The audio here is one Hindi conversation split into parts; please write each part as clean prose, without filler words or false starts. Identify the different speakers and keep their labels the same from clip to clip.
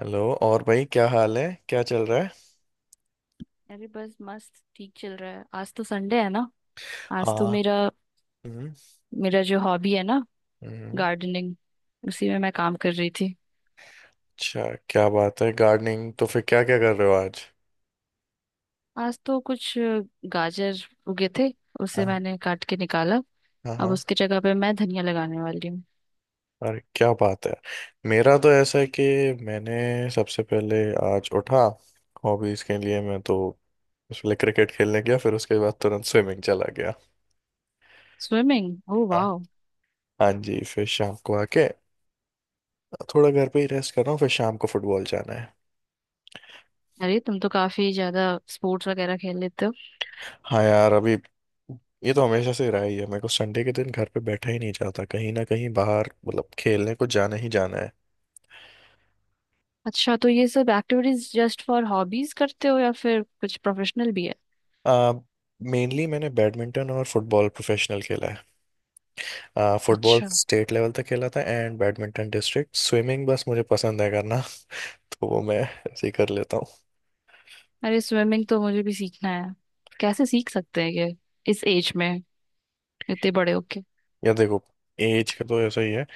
Speaker 1: हेलो और भाई क्या हाल है। क्या चल रहा है?
Speaker 2: अरे बस मस्त ठीक चल रहा है। आज तो संडे है ना। आज तो
Speaker 1: हाँ।
Speaker 2: मेरा
Speaker 1: हम्म।
Speaker 2: मेरा जो हॉबी है ना,
Speaker 1: हम्म,
Speaker 2: गार्डनिंग, उसी में मैं काम कर रही थी।
Speaker 1: अच्छा। क्या बात है, गार्डनिंग? तो फिर क्या क्या कर रहे हो आज?
Speaker 2: आज तो कुछ गाजर उगे थे। उसे
Speaker 1: हाँ।
Speaker 2: मैंने काट के निकाला।
Speaker 1: हाँ
Speaker 2: अब
Speaker 1: हाँ।
Speaker 2: उसकी जगह पे मैं धनिया लगाने वाली हूँ।
Speaker 1: अरे क्या बात है! मेरा तो ऐसा है कि मैंने सबसे पहले आज उठा, हॉबीज के लिए मैं तो उसके लिए क्रिकेट खेलने गया, फिर उसके बाद तुरंत स्विमिंग चला गया।
Speaker 2: स्विमिंग? ओ
Speaker 1: हाँ।
Speaker 2: वाह।
Speaker 1: हाँ जी, फिर शाम को आके थोड़ा घर पे ही रेस्ट कर रहा हूँ, फिर शाम को फुटबॉल जाना है।
Speaker 2: अरे तुम तो काफी ज्यादा स्पोर्ट्स वगैरह खेल लेते हो।
Speaker 1: हाँ यार, अभी ये तो हमेशा से रहा ही है, मेरे को संडे के दिन घर पे बैठा ही नहीं जाता, कहीं ना कहीं बाहर मतलब खेलने को जाना ही जाना है।
Speaker 2: अच्छा तो ये सब एक्टिविटीज जस्ट फॉर हॉबीज करते हो या फिर कुछ प्रोफेशनल भी है?
Speaker 1: आ, मेनली मैंने बैडमिंटन और फुटबॉल प्रोफेशनल खेला है। फुटबॉल
Speaker 2: अच्छा।
Speaker 1: स्टेट लेवल तक खेला था एंड बैडमिंटन डिस्ट्रिक्ट। स्विमिंग बस मुझे पसंद है करना तो वो मैं ऐसे ही कर लेता हूँ।
Speaker 2: अरे स्विमिंग तो मुझे भी सीखना है। कैसे सीख सकते हैं ये, इस एज में, इतने बड़े होके?
Speaker 1: या देखो, एज का तो ऐसा ही है,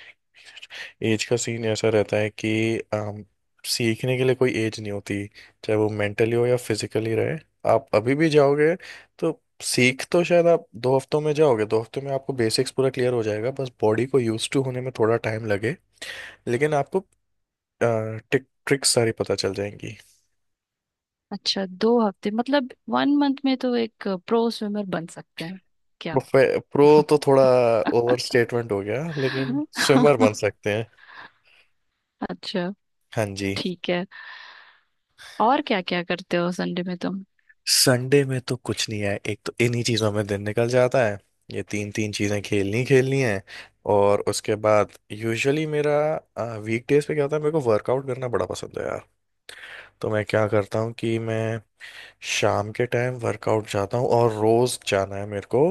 Speaker 1: एज का सीन ऐसा रहता है कि सीखने के लिए कोई एज नहीं होती, चाहे वो मेंटली हो या फिजिकली रहे। आप अभी भी जाओगे तो सीख तो शायद आप 2 हफ्तों में जाओगे, 2 हफ्तों में आपको बेसिक्स पूरा क्लियर हो जाएगा, बस बॉडी को यूज टू होने में थोड़ा टाइम लगे। लेकिन आपको टिक ट्रिक्स सारी पता चल जाएंगी।
Speaker 2: अच्छा 2 हफ्ते मतलब 1 मंथ में तो एक प्रो स्विमर बन सकते हैं क्या?
Speaker 1: प्रो तो थोड़ा ओवर स्टेटमेंट हो गया, लेकिन स्विमर बन सकते हैं।
Speaker 2: अच्छा।
Speaker 1: हाँ जी।
Speaker 2: ठीक है। और क्या क्या करते हो संडे में तुम?
Speaker 1: संडे में तो कुछ नहीं है, एक तो इन्हीं चीजों में दिन निकल जाता है, ये तीन तीन चीजें खेलनी खेलनी है। और उसके बाद यूजुअली मेरा वीक डेज पे क्या होता है, मेरे को वर्कआउट करना बड़ा पसंद है यार। तो मैं क्या करता हूँ कि मैं शाम के टाइम वर्कआउट जाता हूँ और रोज जाना है मेरे को।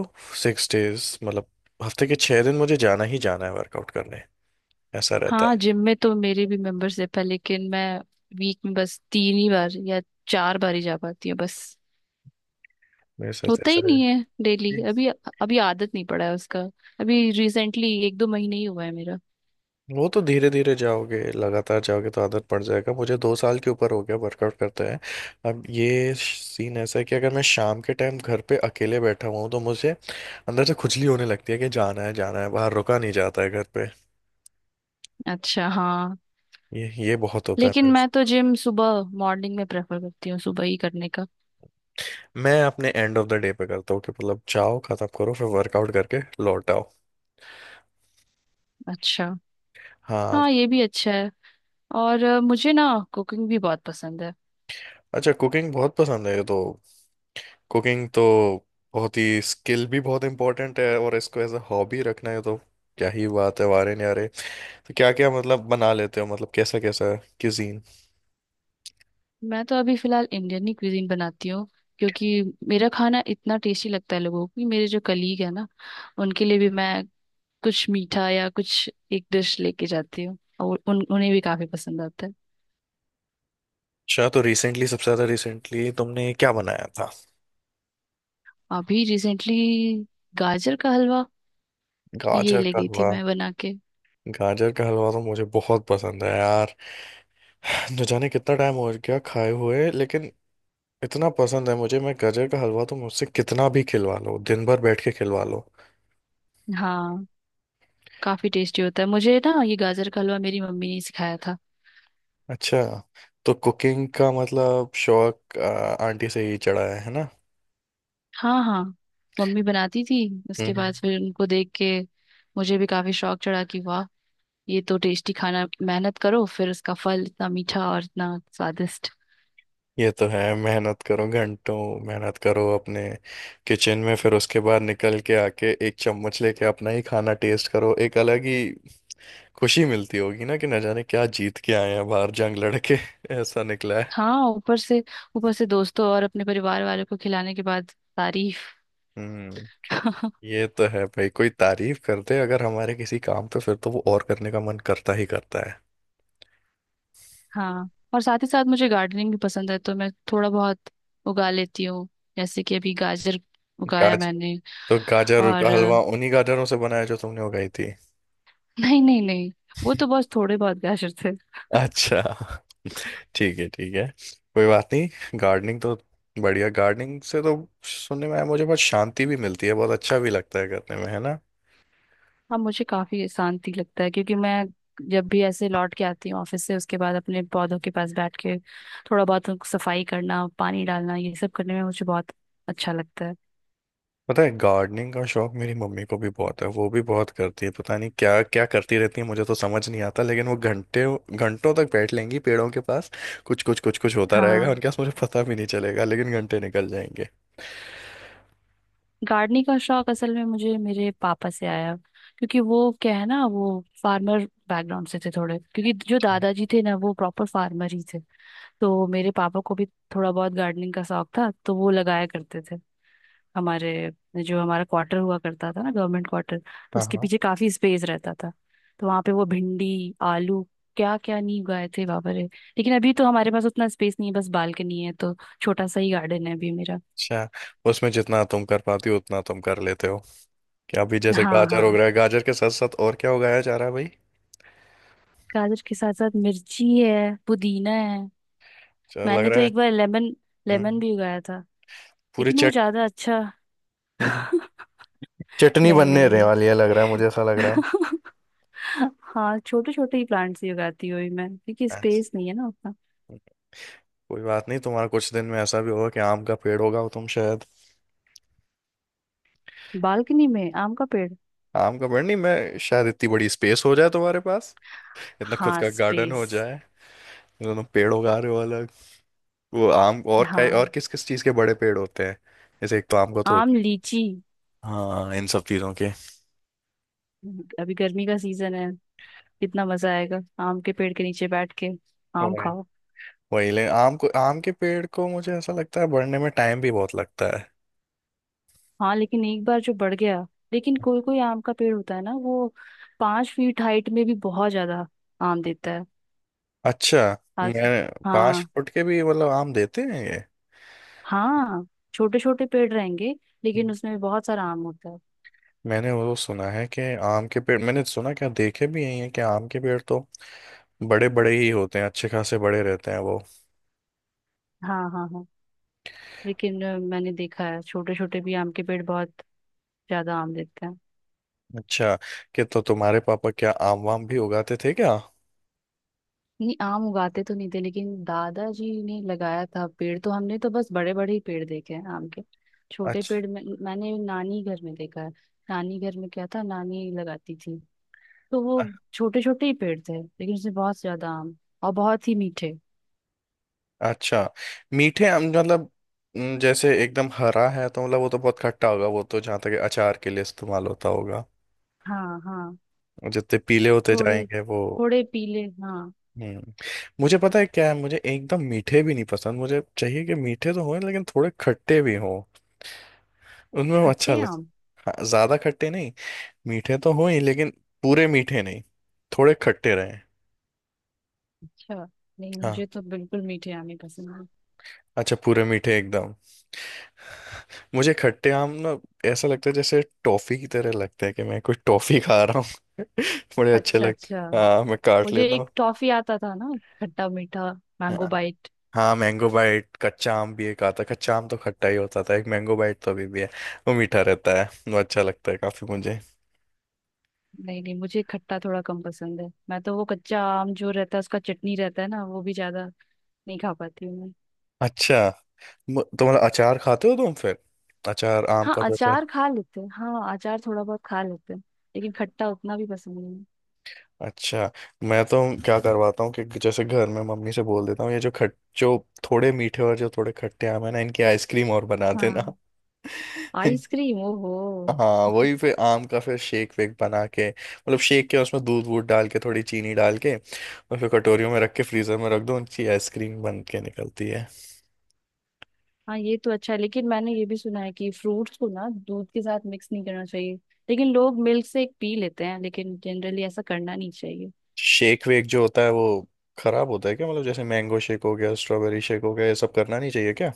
Speaker 1: 6 days मतलब हफ्ते के 6 दिन मुझे जाना ही जाना है वर्कआउट करने, ऐसा रहता
Speaker 2: हाँ,
Speaker 1: है
Speaker 2: जिम में तो मेरी भी मेंबरशिप है, लेकिन मैं वीक में बस 3 ही बार या 4 बार ही जा पाती हूँ बस।
Speaker 1: मेरे साथ
Speaker 2: होता ही
Speaker 1: ऐसा है।
Speaker 2: नहीं है डेली अभी। अभी आदत नहीं पड़ा है उसका। अभी रिसेंटली एक दो महीने ही हुआ है मेरा।
Speaker 1: वो तो धीरे धीरे जाओगे लगातार जाओगे तो आदत पड़ जाएगा, मुझे 2 साल के ऊपर हो गया वर्कआउट करते हैं। अब ये सीन ऐसा है कि अगर मैं शाम के टाइम घर पे अकेले बैठा हुआ हूँ तो मुझे अंदर से खुजली होने लगती है कि जाना है बाहर, रुका नहीं जाता है घर पे।
Speaker 2: अच्छा, हाँ।
Speaker 1: ये बहुत होता है
Speaker 2: लेकिन
Speaker 1: मेरे
Speaker 2: मैं
Speaker 1: से।
Speaker 2: तो जिम सुबह मॉर्निंग में प्रेफर करती हूँ, सुबह ही करने का।
Speaker 1: मैं अपने एंड ऑफ द डे पे करता हूँ कि मतलब जाओ खत्म करो फिर वर्कआउट करके लौट आओ।
Speaker 2: अच्छा।
Speaker 1: हाँ।
Speaker 2: हाँ ये भी अच्छा है। और मुझे ना कुकिंग भी बहुत पसंद है।
Speaker 1: अच्छा कुकिंग बहुत पसंद है, ये तो कुकिंग तो बहुत ही, स्किल भी बहुत इंपॉर्टेंट है और इसको एज अ हॉबी रखना है तो क्या ही बात है, वारे न्यारे। तो क्या क्या मतलब बना लेते हो, मतलब कैसा कैसा क्यूजीन?
Speaker 2: मैं तो अभी फिलहाल इंडियन ही क्विजीन बनाती हूँ, क्योंकि मेरा खाना इतना टेस्टी लगता है लोगों को कि मेरे जो कलीग है ना, उनके लिए भी मैं कुछ मीठा या कुछ एक डिश लेके जाती हूँ और उन उन्हें भी काफी पसंद आता है।
Speaker 1: अच्छा तो रिसेंटली सबसे ज्यादा रिसेंटली तुमने क्या बनाया था?
Speaker 2: अभी रिसेंटली गाजर का हलवा ये
Speaker 1: गाजर
Speaker 2: ले
Speaker 1: का
Speaker 2: गई थी
Speaker 1: हलवा।
Speaker 2: मैं बना के।
Speaker 1: गाजर का हलवा तो मुझे बहुत पसंद है यार, न जाने कितना टाइम हो गया खाए हुए, लेकिन इतना पसंद है मुझे, मैं गाजर का हलवा तो मुझसे कितना भी खिलवा लो, दिन भर बैठ के खिलवा लो।
Speaker 2: हाँ काफी टेस्टी होता है। मुझे ना ये गाजर का हलवा मेरी मम्मी ने सिखाया था।
Speaker 1: अच्छा तो कुकिंग का मतलब शौक आंटी से ही चढ़ा है ना?
Speaker 2: हाँ हाँ, मम्मी बनाती थी।
Speaker 1: हम्म
Speaker 2: उसके बाद
Speaker 1: हम्म।
Speaker 2: फिर उनको देख के मुझे भी काफी शौक चढ़ा कि वाह, ये तो टेस्टी खाना, मेहनत करो फिर उसका फल इतना मीठा और इतना स्वादिष्ट।
Speaker 1: ये तो है, मेहनत करो घंटों, मेहनत करो अपने किचन में, फिर उसके बाद निकल के आके एक चम्मच लेके अपना ही खाना टेस्ट करो, एक अलग ही खुशी मिलती होगी ना, कि न जाने क्या जीत के आए हैं बाहर जंग लड़के ऐसा निकला है।
Speaker 2: हाँ ऊपर से, ऊपर से दोस्तों और अपने परिवार वालों को खिलाने के बाद तारीफ।
Speaker 1: हम्म। ये तो है भाई, कोई तारीफ करते अगर हमारे किसी काम पे, फिर तो वो और करने का मन करता ही करता है।
Speaker 2: हाँ, और साथ ही साथ मुझे गार्डनिंग भी पसंद है तो मैं थोड़ा बहुत उगा लेती हूँ। जैसे कि अभी गाजर उगाया
Speaker 1: गाज
Speaker 2: मैंने।
Speaker 1: तो गाजर का
Speaker 2: और
Speaker 1: हलवा उन्हीं गाजरों से बनाया जो तुमने उगाई थी?
Speaker 2: नहीं नहीं नहीं, वो तो बस थोड़े बहुत गाजर।
Speaker 1: अच्छा, ठीक है ठीक है, कोई बात नहीं। गार्डनिंग तो बढ़िया, गार्डनिंग से तो सुनने में आया मुझे बहुत शांति भी मिलती है, बहुत अच्छा भी लगता है करने में, है ना?
Speaker 2: हाँ मुझे काफी शांति लगता है, क्योंकि मैं जब भी ऐसे लौट के आती हूँ ऑफिस से, उसके बाद अपने पौधों के पास बैठ के थोड़ा बहुत उनको सफाई करना, पानी डालना, ये सब करने में मुझे बहुत अच्छा लगता है।
Speaker 1: पता है गार्डनिंग का शौक मेरी मम्मी को भी बहुत है, वो भी बहुत करती है, पता नहीं क्या क्या करती रहती है, मुझे तो समझ नहीं आता, लेकिन वो घंटे घंटों तक बैठ लेंगी पेड़ों के पास, कुछ कुछ कुछ कुछ होता रहेगा
Speaker 2: हाँ,
Speaker 1: उनके पास, मुझे पता भी नहीं चलेगा लेकिन घंटे निकल जाएंगे।
Speaker 2: गार्डनिंग का शौक असल में मुझे मेरे पापा से आया। क्योंकि वो क्या है ना, वो फार्मर बैकग्राउंड से थे थोड़े, क्योंकि जो
Speaker 1: अच्छा।
Speaker 2: दादाजी थे ना, वो प्रॉपर फार्मर ही थे। तो मेरे पापा को भी थोड़ा बहुत गार्डनिंग का शौक था तो वो लगाया करते थे हमारे, जो हमारा क्वार्टर हुआ करता था ना, गवर्नमेंट क्वार्टर, तो
Speaker 1: हाँ
Speaker 2: उसके
Speaker 1: हाँ।
Speaker 2: पीछे काफी स्पेस रहता था। तो वहां पे वो भिंडी आलू, क्या क्या नहीं उगाए थे बाबा रे। लेकिन अभी तो हमारे पास उतना स्पेस नहीं है, बस बालकनी है, तो छोटा सा ही गार्डन है अभी मेरा।
Speaker 1: अच्छा उसमें जितना तुम कर पाती हो उतना तुम कर लेते हो क्या, अभी जैसे
Speaker 2: हाँ
Speaker 1: गाजर उग
Speaker 2: हाँ,
Speaker 1: रहा है, गाजर के साथ साथ और क्या उगाया जा रहा है भाई?
Speaker 2: गाजर के साथ साथ मिर्ची है, पुदीना है।
Speaker 1: चल लग
Speaker 2: मैंने तो
Speaker 1: रहा है।
Speaker 2: एक बार लेमन
Speaker 1: हम्म
Speaker 2: लेमन
Speaker 1: हम्म।
Speaker 2: भी उगाया था,
Speaker 1: पूरी
Speaker 2: लेकिन वो
Speaker 1: चट
Speaker 2: ज्यादा अच्छा
Speaker 1: हम्म, चटनी
Speaker 2: नहीं।
Speaker 1: बनने
Speaker 2: नहीं
Speaker 1: रहने
Speaker 2: नहीं।
Speaker 1: वाली है लग रहा है, मुझे ऐसा लग रहा है।
Speaker 2: हाँ छोटे छोटे ही प्लांट्स ही उगाती हूँ अभी मैं, क्योंकि
Speaker 1: अच्छा,
Speaker 2: स्पेस नहीं है ना।
Speaker 1: कोई बात नहीं, तुम्हारा कुछ दिन में ऐसा भी होगा कि आम का पेड़ होगा और तुम शायद।
Speaker 2: बालकनी में आम का पेड़?
Speaker 1: आम का पेड़ नहीं, मैं शायद इतनी बड़ी स्पेस हो जाए तुम्हारे पास, इतना खुद
Speaker 2: हाँ
Speaker 1: का गार्डन हो
Speaker 2: स्पेस।
Speaker 1: जाए, मतलब तुम पेड़ उगा रहे हो अलग, वो आम और क्या और
Speaker 2: हाँ
Speaker 1: किस किस चीज के बड़े पेड़ होते हैं? जैसे एक तो आम का तो
Speaker 2: आम
Speaker 1: होते हैं।
Speaker 2: लीची।
Speaker 1: हाँ इन सब चीजों
Speaker 2: अभी गर्मी का सीजन है, कितना मजा आएगा आम के पेड़ के नीचे बैठ के आम
Speaker 1: के।
Speaker 2: खाओ।
Speaker 1: वही ले आम को, आम के पेड़ को मुझे ऐसा लगता है बढ़ने में टाइम भी बहुत लगता है।
Speaker 2: हाँ लेकिन एक बार जो बढ़ गया, लेकिन कोई कोई आम का पेड़ होता है ना वो 5 फीट हाइट में भी बहुत ज्यादा आम देता है।
Speaker 1: अच्छा
Speaker 2: आज।
Speaker 1: मैं पांच
Speaker 2: हाँ
Speaker 1: फुट के भी मतलब आम देते हैं ये?
Speaker 2: हाँ, छोटे छोटे पेड़ रहेंगे लेकिन उसमें भी बहुत सारा आम होता है।
Speaker 1: मैंने वो सुना है कि आम के पेड़, मैंने सुना क्या देखे भी यही है कि आम के पेड़ तो बड़े बड़े ही होते हैं, अच्छे खासे बड़े रहते हैं वो।
Speaker 2: हाँ हाँ हाँ, लेकिन मैंने देखा है छोटे छोटे भी आम के पेड़ बहुत ज्यादा आम देते हैं।
Speaker 1: अच्छा, कि तो तुम्हारे पापा क्या आम वाम भी उगाते थे क्या?
Speaker 2: नहीं, आम उगाते तो नहीं थे, लेकिन दादाजी ने लगाया था पेड़, तो हमने तो बस बड़े बड़े ही पेड़ देखे हैं आम के। छोटे
Speaker 1: अच्छा।
Speaker 2: पेड़ में मैंने नानी घर में देखा है। नानी घर में क्या था, नानी लगाती थी, तो वो छोटे छोटे ही पेड़ थे लेकिन उसमें बहुत ज्यादा आम, और बहुत ही मीठे।
Speaker 1: अच्छा मीठे आम मतलब, जैसे एकदम हरा है तो मतलब वो तो बहुत खट्टा होगा, वो तो जहाँ तक अचार के लिए इस्तेमाल होता होगा,
Speaker 2: हाँ हाँ,
Speaker 1: जितने पीले होते
Speaker 2: थोड़े
Speaker 1: जाएंगे वो।
Speaker 2: थोड़े पीले हाँ।
Speaker 1: हम्म। मुझे पता है क्या है, मुझे एकदम मीठे भी नहीं पसंद, मुझे चाहिए कि मीठे तो हों लेकिन थोड़े खट्टे भी हों, उनमें वो अच्छा
Speaker 2: खट्टे
Speaker 1: लग।
Speaker 2: आम?
Speaker 1: हाँ, ज्यादा खट्टे नहीं, मीठे तो हों ही लेकिन पूरे मीठे नहीं, थोड़े खट्टे रहें।
Speaker 2: अच्छा। नहीं, मुझे
Speaker 1: हाँ
Speaker 2: तो बिल्कुल मीठे आम ही पसंद है।
Speaker 1: अच्छा, पूरे मीठे एकदम। मुझे खट्टे आम ना ऐसा लगता है जैसे टॉफी की तरह लगता है, कि मैं कुछ टॉफी खा रहा हूँ बड़े अच्छे
Speaker 2: अच्छा
Speaker 1: लगते
Speaker 2: अच्छा।
Speaker 1: हैं। हाँ मैं काट
Speaker 2: मुझे
Speaker 1: लेता
Speaker 2: एक टॉफी आता था ना, खट्टा मीठा, मैंगो
Speaker 1: हूँ।
Speaker 2: बाइट।
Speaker 1: हाँ मैंगो बाइट, कच्चा आम भी एक आता है, कच्चा आम तो खट्टा ही होता था, एक मैंगो बाइट तो अभी भी है, वो मीठा रहता है, वो अच्छा लगता है काफी मुझे।
Speaker 2: नहीं नहीं, मुझे खट्टा थोड़ा कम पसंद है। मैं तो वो कच्चा आम जो रहता है उसका चटनी रहता है ना, वो भी ज्यादा नहीं खा पाती हूँ मैं।
Speaker 1: अच्छा, तो मतलब अचार खाते हो तुम फिर, अचार आम
Speaker 2: हाँ
Speaker 1: का जो अचार।
Speaker 2: अचार खा लेते हैं, हाँ अचार थोड़ा बहुत खा लेते हैं, लेकिन खट्टा उतना भी पसंद नहीं।
Speaker 1: अच्छा मैं तो क्या करवाता हूँ कि जैसे घर में मम्मी से बोल देता हूँ ये जो खट जो थोड़े मीठे और जो थोड़े खट्टे आम है ना, इनकी आइसक्रीम और बना देना
Speaker 2: हाँ आइसक्रीम, ओहो।
Speaker 1: हाँ, वही फिर आम का फिर शेक वेक बना के, मतलब शेक के उसमें दूध वूध डाल के, थोड़ी चीनी डाल के और फिर कटोरियों में रख के फ्रीजर में रख दो, उनकी आइसक्रीम बन के निकलती है।
Speaker 2: हाँ ये तो अच्छा है, लेकिन मैंने ये भी सुना है कि फ्रूट्स को ना दूध के साथ मिक्स नहीं करना चाहिए। लेकिन लोग मिल्क से पी लेते हैं, लेकिन जनरली ऐसा करना नहीं चाहिए।
Speaker 1: शेक वेक जो होता है वो खराब होता है क्या, मतलब जैसे मैंगो शेक हो गया, स्ट्रॉबेरी शेक हो गया, ये सब करना नहीं चाहिए क्या?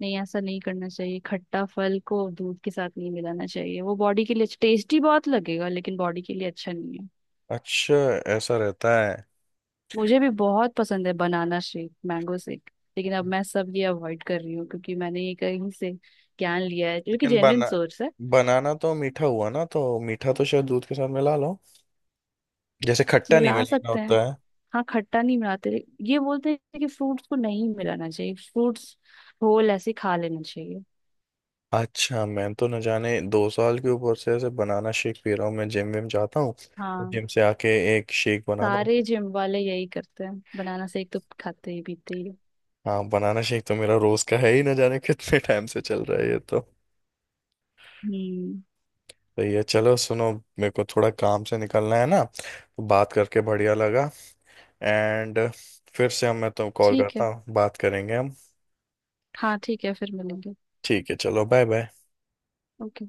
Speaker 2: नहीं, ऐसा नहीं करना चाहिए, खट्टा फल को दूध के साथ नहीं मिलाना चाहिए। वो बॉडी के लिए अच्छा, टेस्टी बहुत लगेगा लेकिन बॉडी के लिए अच्छा नहीं है।
Speaker 1: अच्छा, ऐसा रहता है।
Speaker 2: मुझे भी बहुत पसंद है बनाना शेक, मैंगो शेक, लेकिन अब मैं सब ये अवॉइड कर रही हूँ, क्योंकि मैंने ये कहीं से ज्ञान लिया है जो कि
Speaker 1: लेकिन
Speaker 2: जेन्युइन सोर्स है।
Speaker 1: बनाना तो मीठा हुआ ना, तो मीठा तो शायद दूध के साथ मिला लो, जैसे खट्टा नहीं
Speaker 2: मिला
Speaker 1: मिलाना
Speaker 2: सकते हैं।
Speaker 1: होता है।
Speaker 2: हाँ, खट्टा नहीं मिलाते। ये बोलते हैं कि फ्रूट्स को नहीं मिलाना चाहिए, फ्रूट्स होल ऐसे खा लेना चाहिए।
Speaker 1: अच्छा मैं तो न जाने 2 साल के ऊपर से ऐसे बनाना शेक पी रहा हूँ, मैं जिम विम जाता हूँ,
Speaker 2: हाँ
Speaker 1: जिम से आके एक शेक बनाता हूँ।
Speaker 2: सारे जिम वाले यही करते हैं, बनाना शेक तो खाते ही पीते ही हैं।
Speaker 1: हाँ बनाना शेक तो मेरा रोज का है ही, न जाने कितने टाइम से चल रहा है ये तो।
Speaker 2: हम्म।
Speaker 1: तो ये चलो सुनो, मेरे को थोड़ा काम से निकलना है ना, तो बात करके बढ़िया लगा, एंड फिर से हम मैं तो कॉल
Speaker 2: ठीक
Speaker 1: करता
Speaker 2: है।
Speaker 1: हूँ, बात करेंगे हम।
Speaker 2: हाँ ठीक है, फिर मिलेंगे।
Speaker 1: ठीक है, चलो बाय बाय।
Speaker 2: ओके।